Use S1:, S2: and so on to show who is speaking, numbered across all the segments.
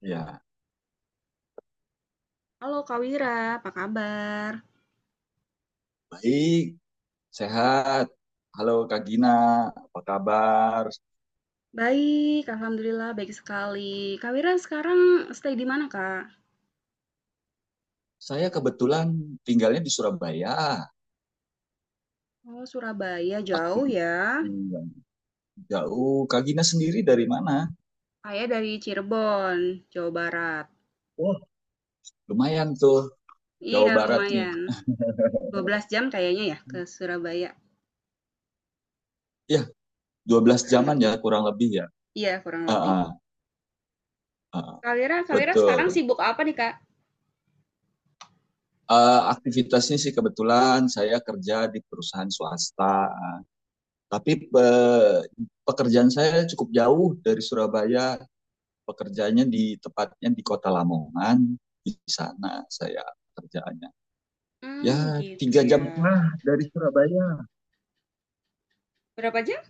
S1: Ya,
S2: Halo Kak Wira, apa kabar?
S1: baik, sehat. Halo Kak Gina, apa kabar?
S2: Baik, Alhamdulillah baik sekali. Kak Wira sekarang stay di mana Kak?
S1: Saya kebetulan tinggalnya di Surabaya,
S2: Oh, Surabaya jauh
S1: aktivitas
S2: ya.
S1: yang jauh. Kak Gina sendiri dari mana?
S2: Saya dari Cirebon, Jawa Barat.
S1: Wah, lumayan tuh, Jawa
S2: Iya,
S1: Barat nih.
S2: lumayan. 12 jam kayaknya ya ke Surabaya,
S1: Ya, dua belas
S2: kurang
S1: jaman ya
S2: lebih.
S1: kurang lebih ya.
S2: Iya, kurang
S1: Ah,
S2: lebih.
S1: ah, ah,
S2: Kak Wira sekarang
S1: betul.
S2: sibuk apa nih Kak?
S1: Aktivitasnya sih kebetulan saya kerja di perusahaan swasta, tapi pekerjaan saya cukup jauh dari Surabaya. Pekerjaannya di tepatnya di kota Lamongan, di sana saya kerjaannya
S2: Hmm,
S1: ya
S2: gitu
S1: tiga jam
S2: ya.
S1: setengah dari Surabaya,
S2: Berapa jam?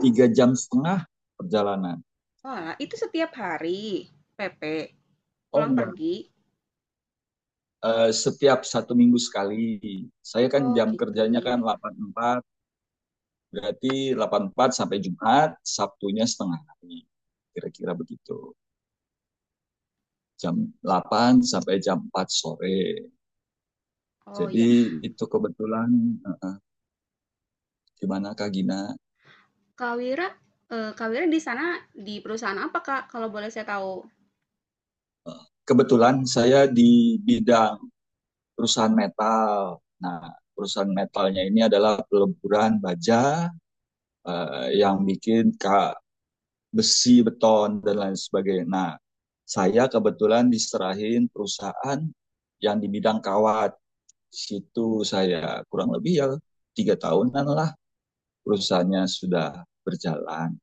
S1: tiga jam setengah perjalanan.
S2: Oh, lah, itu setiap hari. PP,
S1: Oh
S2: pulang
S1: enggak.
S2: pergi.
S1: Setiap satu minggu sekali saya kan
S2: Oh,
S1: jam
S2: gitu
S1: kerjanya
S2: ya.
S1: kan delapan empat, berarti delapan empat sampai Jumat Sabtunya setengah hari, kira-kira begitu. Jam 8 sampai jam 4 sore,
S2: Oh,
S1: jadi itu kebetulan eh, gimana Kak Gina?
S2: Kak Wira, Kak Wira di sana di perusahaan apa, Kak? Kalau boleh saya tahu.
S1: Kebetulan saya di bidang perusahaan metal. Nah, perusahaan metalnya ini adalah peleburan baja, yang bikin besi, beton, dan lain sebagainya. Nah, saya kebetulan diserahin perusahaan yang di bidang kawat. Situ saya kurang lebih ya tiga tahunan lah perusahaannya sudah berjalan.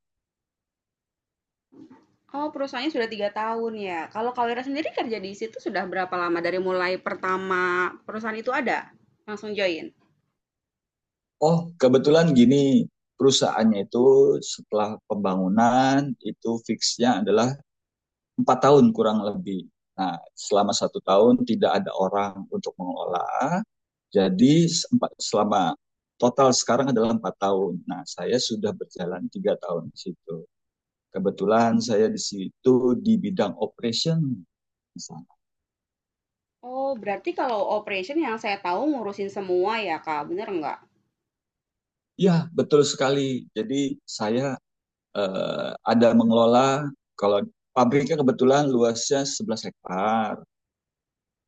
S2: Oh, perusahaannya sudah 3 tahun ya. Kalau Kak Wira sendiri kerja di situ sudah berapa lama dari mulai pertama perusahaan itu ada? Langsung join?
S1: Oh, kebetulan gini, perusahaannya itu setelah pembangunan itu fixnya adalah 4 tahun kurang lebih. Nah, selama satu tahun tidak ada orang untuk mengelola. Jadi selama total sekarang adalah 4 tahun. Nah, saya sudah berjalan 3 tahun di situ. Kebetulan saya di situ di bidang operation di sana.
S2: Oh, berarti kalau operation yang saya tahu ngurusin semua ya, Kak, bener nggak?
S1: Ya, betul sekali. Jadi saya ada mengelola, kalau pabriknya kebetulan luasnya 11 hektar.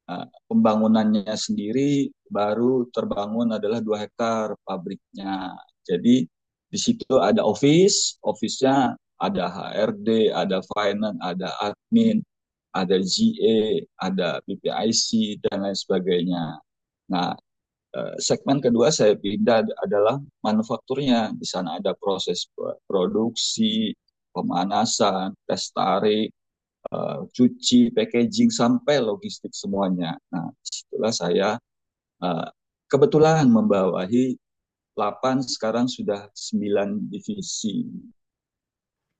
S1: Nah, pembangunannya sendiri baru terbangun adalah 2 hektar pabriknya. Jadi di situ ada office, office-nya ada HRD, ada finance, ada admin, ada GA, ada BPIC dan lain sebagainya. Nah, segmen kedua saya pindah adalah manufakturnya. Di sana ada proses produksi, pemanasan, tes tarik, cuci, packaging, sampai logistik semuanya. Nah, setelah saya uh, kebetulan membawahi 8 sekarang sudah 9 divisi.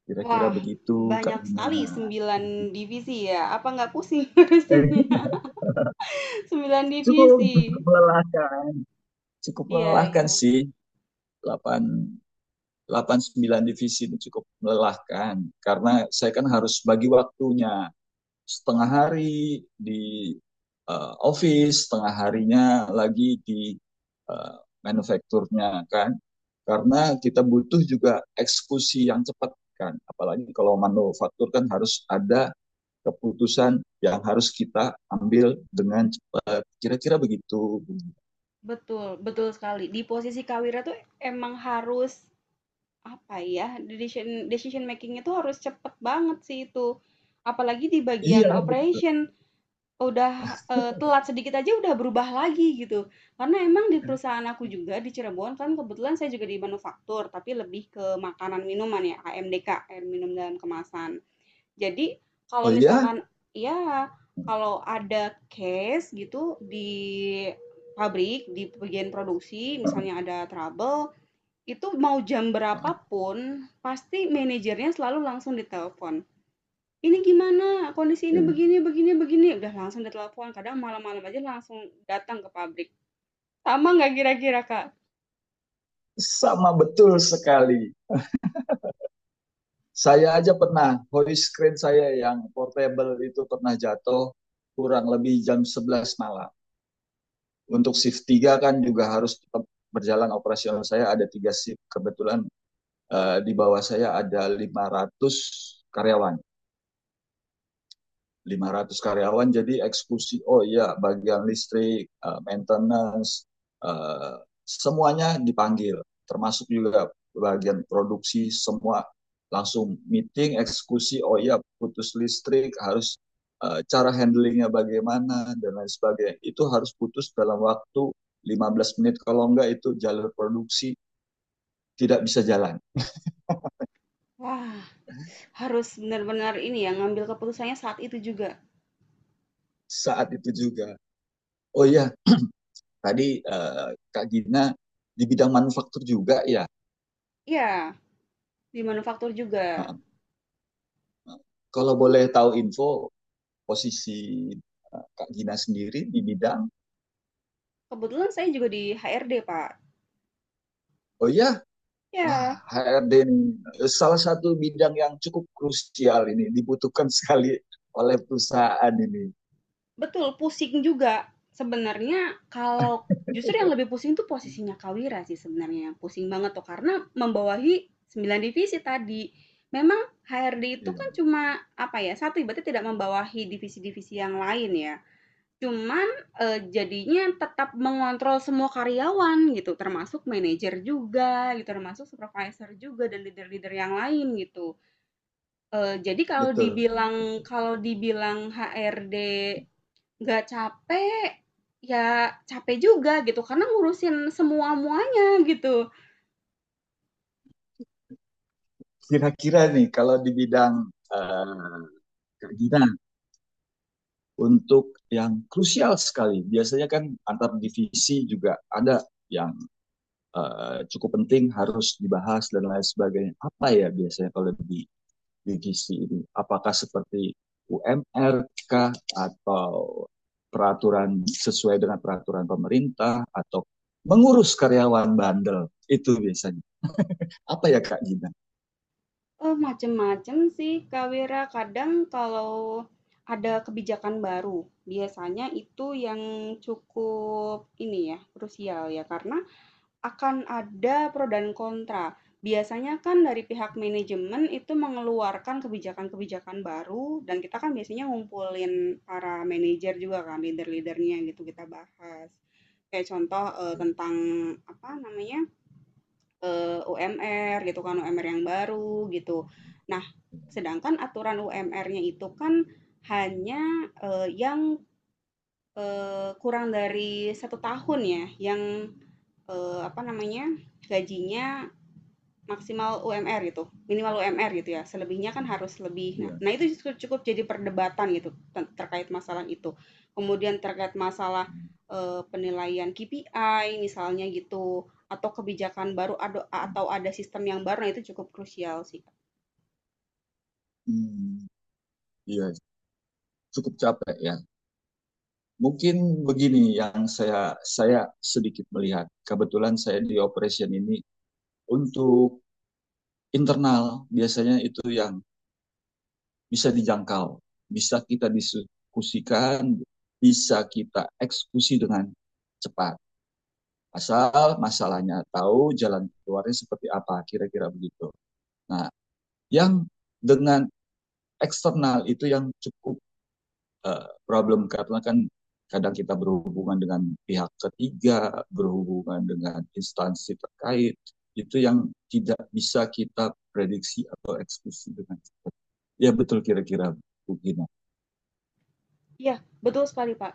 S1: Kira-kira
S2: Wah,
S1: begitu, Kak
S2: banyak
S1: Bina.
S2: sekali 9 divisi ya. Apa nggak pusing
S1: Eh,
S2: ngurusinnya? Sembilan
S1: Cukup,
S2: divisi.
S1: cukup melelahkan. Cukup
S2: Iya,
S1: melelahkan
S2: iya.
S1: sih, delapan delapan sembilan divisi itu cukup melelahkan karena saya kan harus bagi waktunya setengah hari di office, setengah harinya lagi di eh, manufakturnya kan. Karena kita butuh juga eksekusi yang cepat kan. Apalagi kalau manufaktur kan harus ada keputusan yang harus kita ambil dengan cepat. Kira-kira begitu.
S2: Betul, betul sekali. Di posisi Kawira tuh emang harus. Apa ya, decision decision making itu harus cepet banget sih itu. Apalagi di bagian
S1: Iya.
S2: operation, udah, telat sedikit aja udah berubah lagi gitu. Karena emang di perusahaan aku juga di Cirebon kan kebetulan saya juga di manufaktur, tapi lebih ke makanan minuman ya, AMDK, air minum dalam kemasan. Jadi kalau
S1: Oh iya.
S2: misalkan ya kalau ada case gitu di pabrik, di bagian produksi misalnya ada trouble, itu mau jam berapapun pasti manajernya selalu langsung ditelepon, "Ini gimana? Kondisi ini begini begini begini." Udah langsung ditelepon, kadang malam-malam aja langsung datang ke pabrik. Sama nggak kira-kira, Kak?
S1: Sama betul sekali. Saya aja pernah, hoist crane saya yang portable itu pernah jatuh kurang lebih jam 11 malam. Untuk shift 3 kan juga harus tetap berjalan operasional, saya ada tiga shift. Kebetulan di bawah saya ada 500 karyawan. 500 karyawan, jadi eksekusi oh iya bagian listrik, maintenance, eh, semuanya dipanggil, termasuk juga bagian produksi semua langsung meeting eksekusi oh iya putus listrik harus cara handlingnya bagaimana dan lain sebagainya. Itu harus putus dalam waktu 15 menit, kalau enggak itu jalur produksi tidak bisa jalan
S2: Wah, harus benar-benar ini ya, ngambil keputusannya saat itu juga.
S1: saat itu juga. Oh iya tadi Kak Gina di bidang manufaktur juga ya.
S2: Ya di manufaktur juga.
S1: Kalau boleh tahu info posisi Kak Gina sendiri di bidang,
S2: Kebetulan saya juga di HRD, Pak.
S1: oh iya, wah
S2: Ya.
S1: HRD ini salah satu bidang yang cukup krusial ini, dibutuhkan sekali oleh perusahaan ini.
S2: Betul, pusing juga. Sebenarnya kalau justru yang lebih pusing tuh posisinya Kawira sih sebenarnya, yang pusing banget tuh karena membawahi 9 divisi tadi. Memang HRD itu
S1: Iya,
S2: kan cuma apa ya, satu berarti tidak membawahi divisi-divisi yang lain ya. Cuman, jadinya tetap mengontrol semua karyawan gitu, termasuk manajer juga gitu, termasuk supervisor juga dan leader-leader yang lain gitu. Jadi kalau
S1: betul.
S2: dibilang kalau dibilang HRD, nggak capek, ya capek juga gitu, karena ngurusin semua-muanya gitu.
S1: Kira-kira nih kalau di bidang eh, Kak Gina, untuk yang krusial sekali, biasanya kan antar divisi juga ada yang cukup penting harus dibahas dan lain sebagainya. Apa ya biasanya kalau di gizi ini? Apakah seperti UMRK atau peraturan sesuai dengan peraturan pemerintah atau mengurus karyawan bandel, itu biasanya apa ya Kak Gina?
S2: Macem-macem sih, Kak Wira. Kadang kalau ada kebijakan baru, biasanya itu yang cukup ini ya, krusial ya, karena akan ada pro dan kontra. Biasanya kan dari pihak manajemen itu mengeluarkan kebijakan-kebijakan baru dan kita kan biasanya ngumpulin para manajer juga kan, leader-leadernya gitu kita bahas. Kayak contoh,
S1: Ya,
S2: tentang apa namanya, UMR gitu kan, UMR yang baru gitu. Nah, sedangkan aturan UMR-nya itu kan hanya, yang, kurang dari satu tahun ya, yang apa namanya, gajinya maksimal UMR gitu, minimal UMR gitu ya, selebihnya kan harus lebih. Nah
S1: iya,
S2: nah itu justru cukup jadi perdebatan gitu terkait masalah itu. Kemudian terkait masalah, penilaian KPI misalnya gitu, atau kebijakan baru atau ada sistem yang baru, nah itu cukup krusial sih, Kak.
S1: hmm, iya, cukup capek ya. Mungkin begini yang saya sedikit melihat. Kebetulan saya di operation ini untuk internal biasanya itu yang bisa dijangkau, bisa kita diskusikan, bisa kita eksekusi dengan cepat. Asal masalahnya tahu jalan keluarnya seperti apa, kira-kira begitu. Nah, yang dengan eksternal itu yang cukup problem, karena kan kadang kita berhubungan dengan pihak ketiga, berhubungan dengan instansi terkait, itu yang tidak bisa kita prediksi atau eksekusi dengan cepat. Ya betul kira-kira mungkin.
S2: Iya, betul sekali, Pak.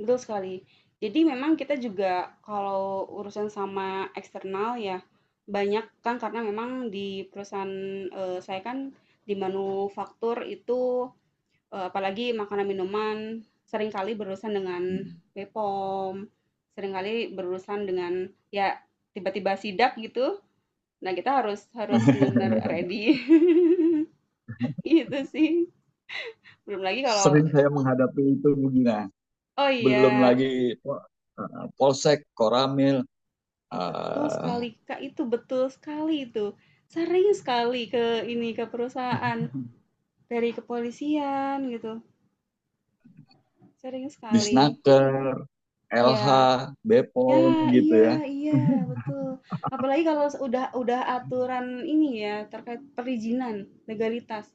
S2: Betul sekali. Jadi memang kita juga kalau urusan sama eksternal ya banyak kan karena memang di perusahaan, saya kan di manufaktur itu, apalagi makanan minuman seringkali berurusan dengan
S1: Hmm.
S2: BPOM, seringkali berurusan dengan ya tiba-tiba sidak gitu. Nah kita harus harus benar-benar ready. Gitu sih. Belum lagi kalau
S1: Sering saya menghadapi itu Gina.
S2: oh
S1: Belum
S2: iya.
S1: lagi Polsek, Koramil,
S2: Betul
S1: eh,
S2: sekali, Kak, itu betul sekali itu. Sering sekali ke ini, ke perusahaan, dari kepolisian gitu, sering sekali.
S1: Disnaker,
S2: Iya.
S1: LH,
S2: Ya,
S1: Bepom gitu
S2: iya
S1: ya.
S2: iya, betul. Apalagi kalau udah aturan ini ya, terkait perizinan, legalitas.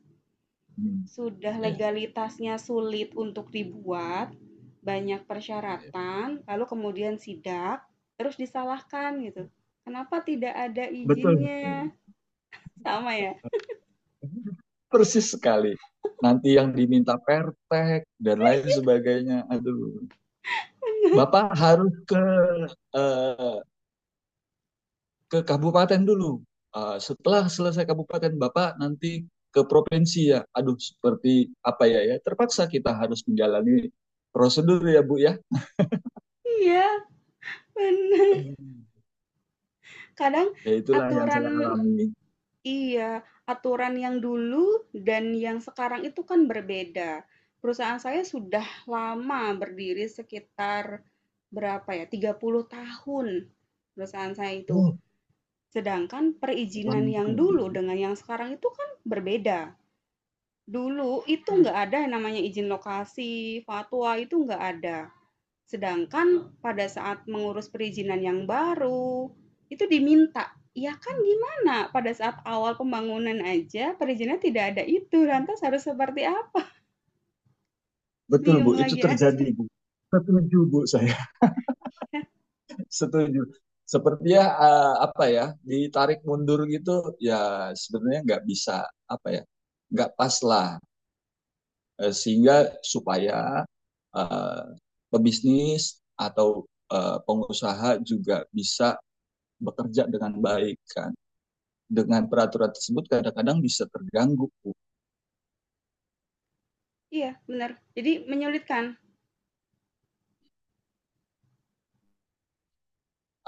S1: Hmm,
S2: Sudah
S1: iya,
S2: legalitasnya sulit untuk dibuat, banyak
S1: iya.
S2: persyaratan, lalu kemudian sidak, terus disalahkan gitu. Kenapa tidak ada
S1: Betul.
S2: izinnya? Sama ya?
S1: Persis sekali. Nanti yang diminta Pertek dan lain sebagainya. Aduh, Bapak harus eh, ke kabupaten dulu. Setelah selesai kabupaten, Bapak nanti ke provinsi ya. Aduh, seperti apa ya ya? Terpaksa kita harus menjalani prosedur ya, Bu ya.
S2: Iya. Bener. Kadang
S1: Ya itulah yang saya
S2: aturan
S1: alami.
S2: iya, aturan yang dulu dan yang sekarang itu kan berbeda. Perusahaan saya sudah lama berdiri sekitar berapa ya, 30 tahun perusahaan saya itu.
S1: Oh,
S2: Sedangkan perizinan
S1: lama juga
S2: yang
S1: ya, Bu
S2: dulu
S1: ya.
S2: dengan yang sekarang itu kan berbeda. Dulu itu
S1: Ya.
S2: nggak ada yang namanya izin lokasi, fatwa itu nggak ada. Sedangkan pada saat mengurus perizinan yang baru, itu diminta. Ya kan gimana, pada saat awal pembangunan aja perizinan tidak ada itu, lantas harus seperti apa?
S1: Betul,
S2: Bingung
S1: Bu. Itu
S2: lagi aja.
S1: terjadi, Bu. Setuju, Bu. Saya setuju. Sepertinya apa ya, ditarik mundur gitu, ya sebenarnya nggak bisa, apa ya, nggak pas lah. Sehingga supaya eh, pebisnis atau pengusaha juga bisa bekerja dengan baik kan, dengan peraturan tersebut kadang-kadang bisa terganggu Bu.
S2: Iya, benar. Jadi menyulitkan.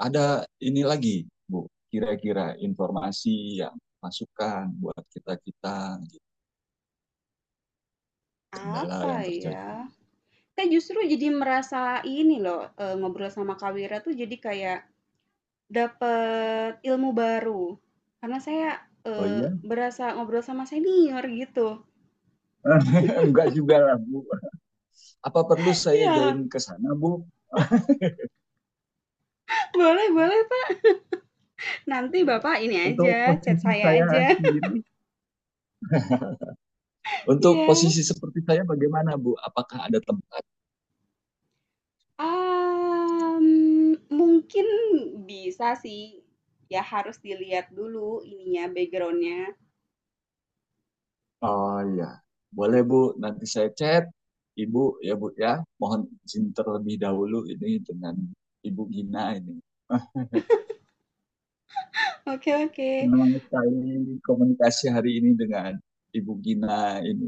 S1: Ada ini lagi Bu, kira-kira informasi yang masukan buat kita kita gitu. Kendala
S2: Apa
S1: yang terjadi,
S2: ya? Saya justru jadi merasa ini loh, ngobrol sama Kak Wira tuh jadi kayak dapet ilmu baru. Karena saya,
S1: oh iya.
S2: berasa ngobrol sama senior gitu.
S1: Enggak juga lah Bu, apa perlu saya
S2: Iya,
S1: join ke sana Bu? Oh,
S2: boleh boleh. Nanti
S1: ya.
S2: Bapak ini
S1: Untuk
S2: aja, chat
S1: posisi
S2: saya
S1: saya
S2: aja.
S1: sendiri, untuk
S2: Iya,
S1: posisi seperti saya bagaimana, Bu? Apakah ada tempat?
S2: mungkin bisa sih. Ya harus dilihat dulu ininya, backgroundnya.
S1: Oh iya, boleh Bu. Nanti saya chat Ibu ya Bu ya. Mohon izin terlebih dahulu ini dengan Ibu Gina ini. Ah,
S2: Oke oke.
S1: senang sekali komunikasi hari ini dengan Ibu Gina ini.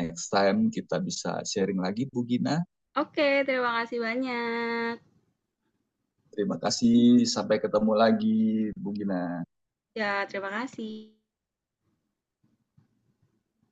S1: Next time kita bisa sharing lagi Bu Gina.
S2: Oke, terima kasih banyak.
S1: Terima kasih. Sampai ketemu lagi Bu Gina.
S2: Ya, terima kasih.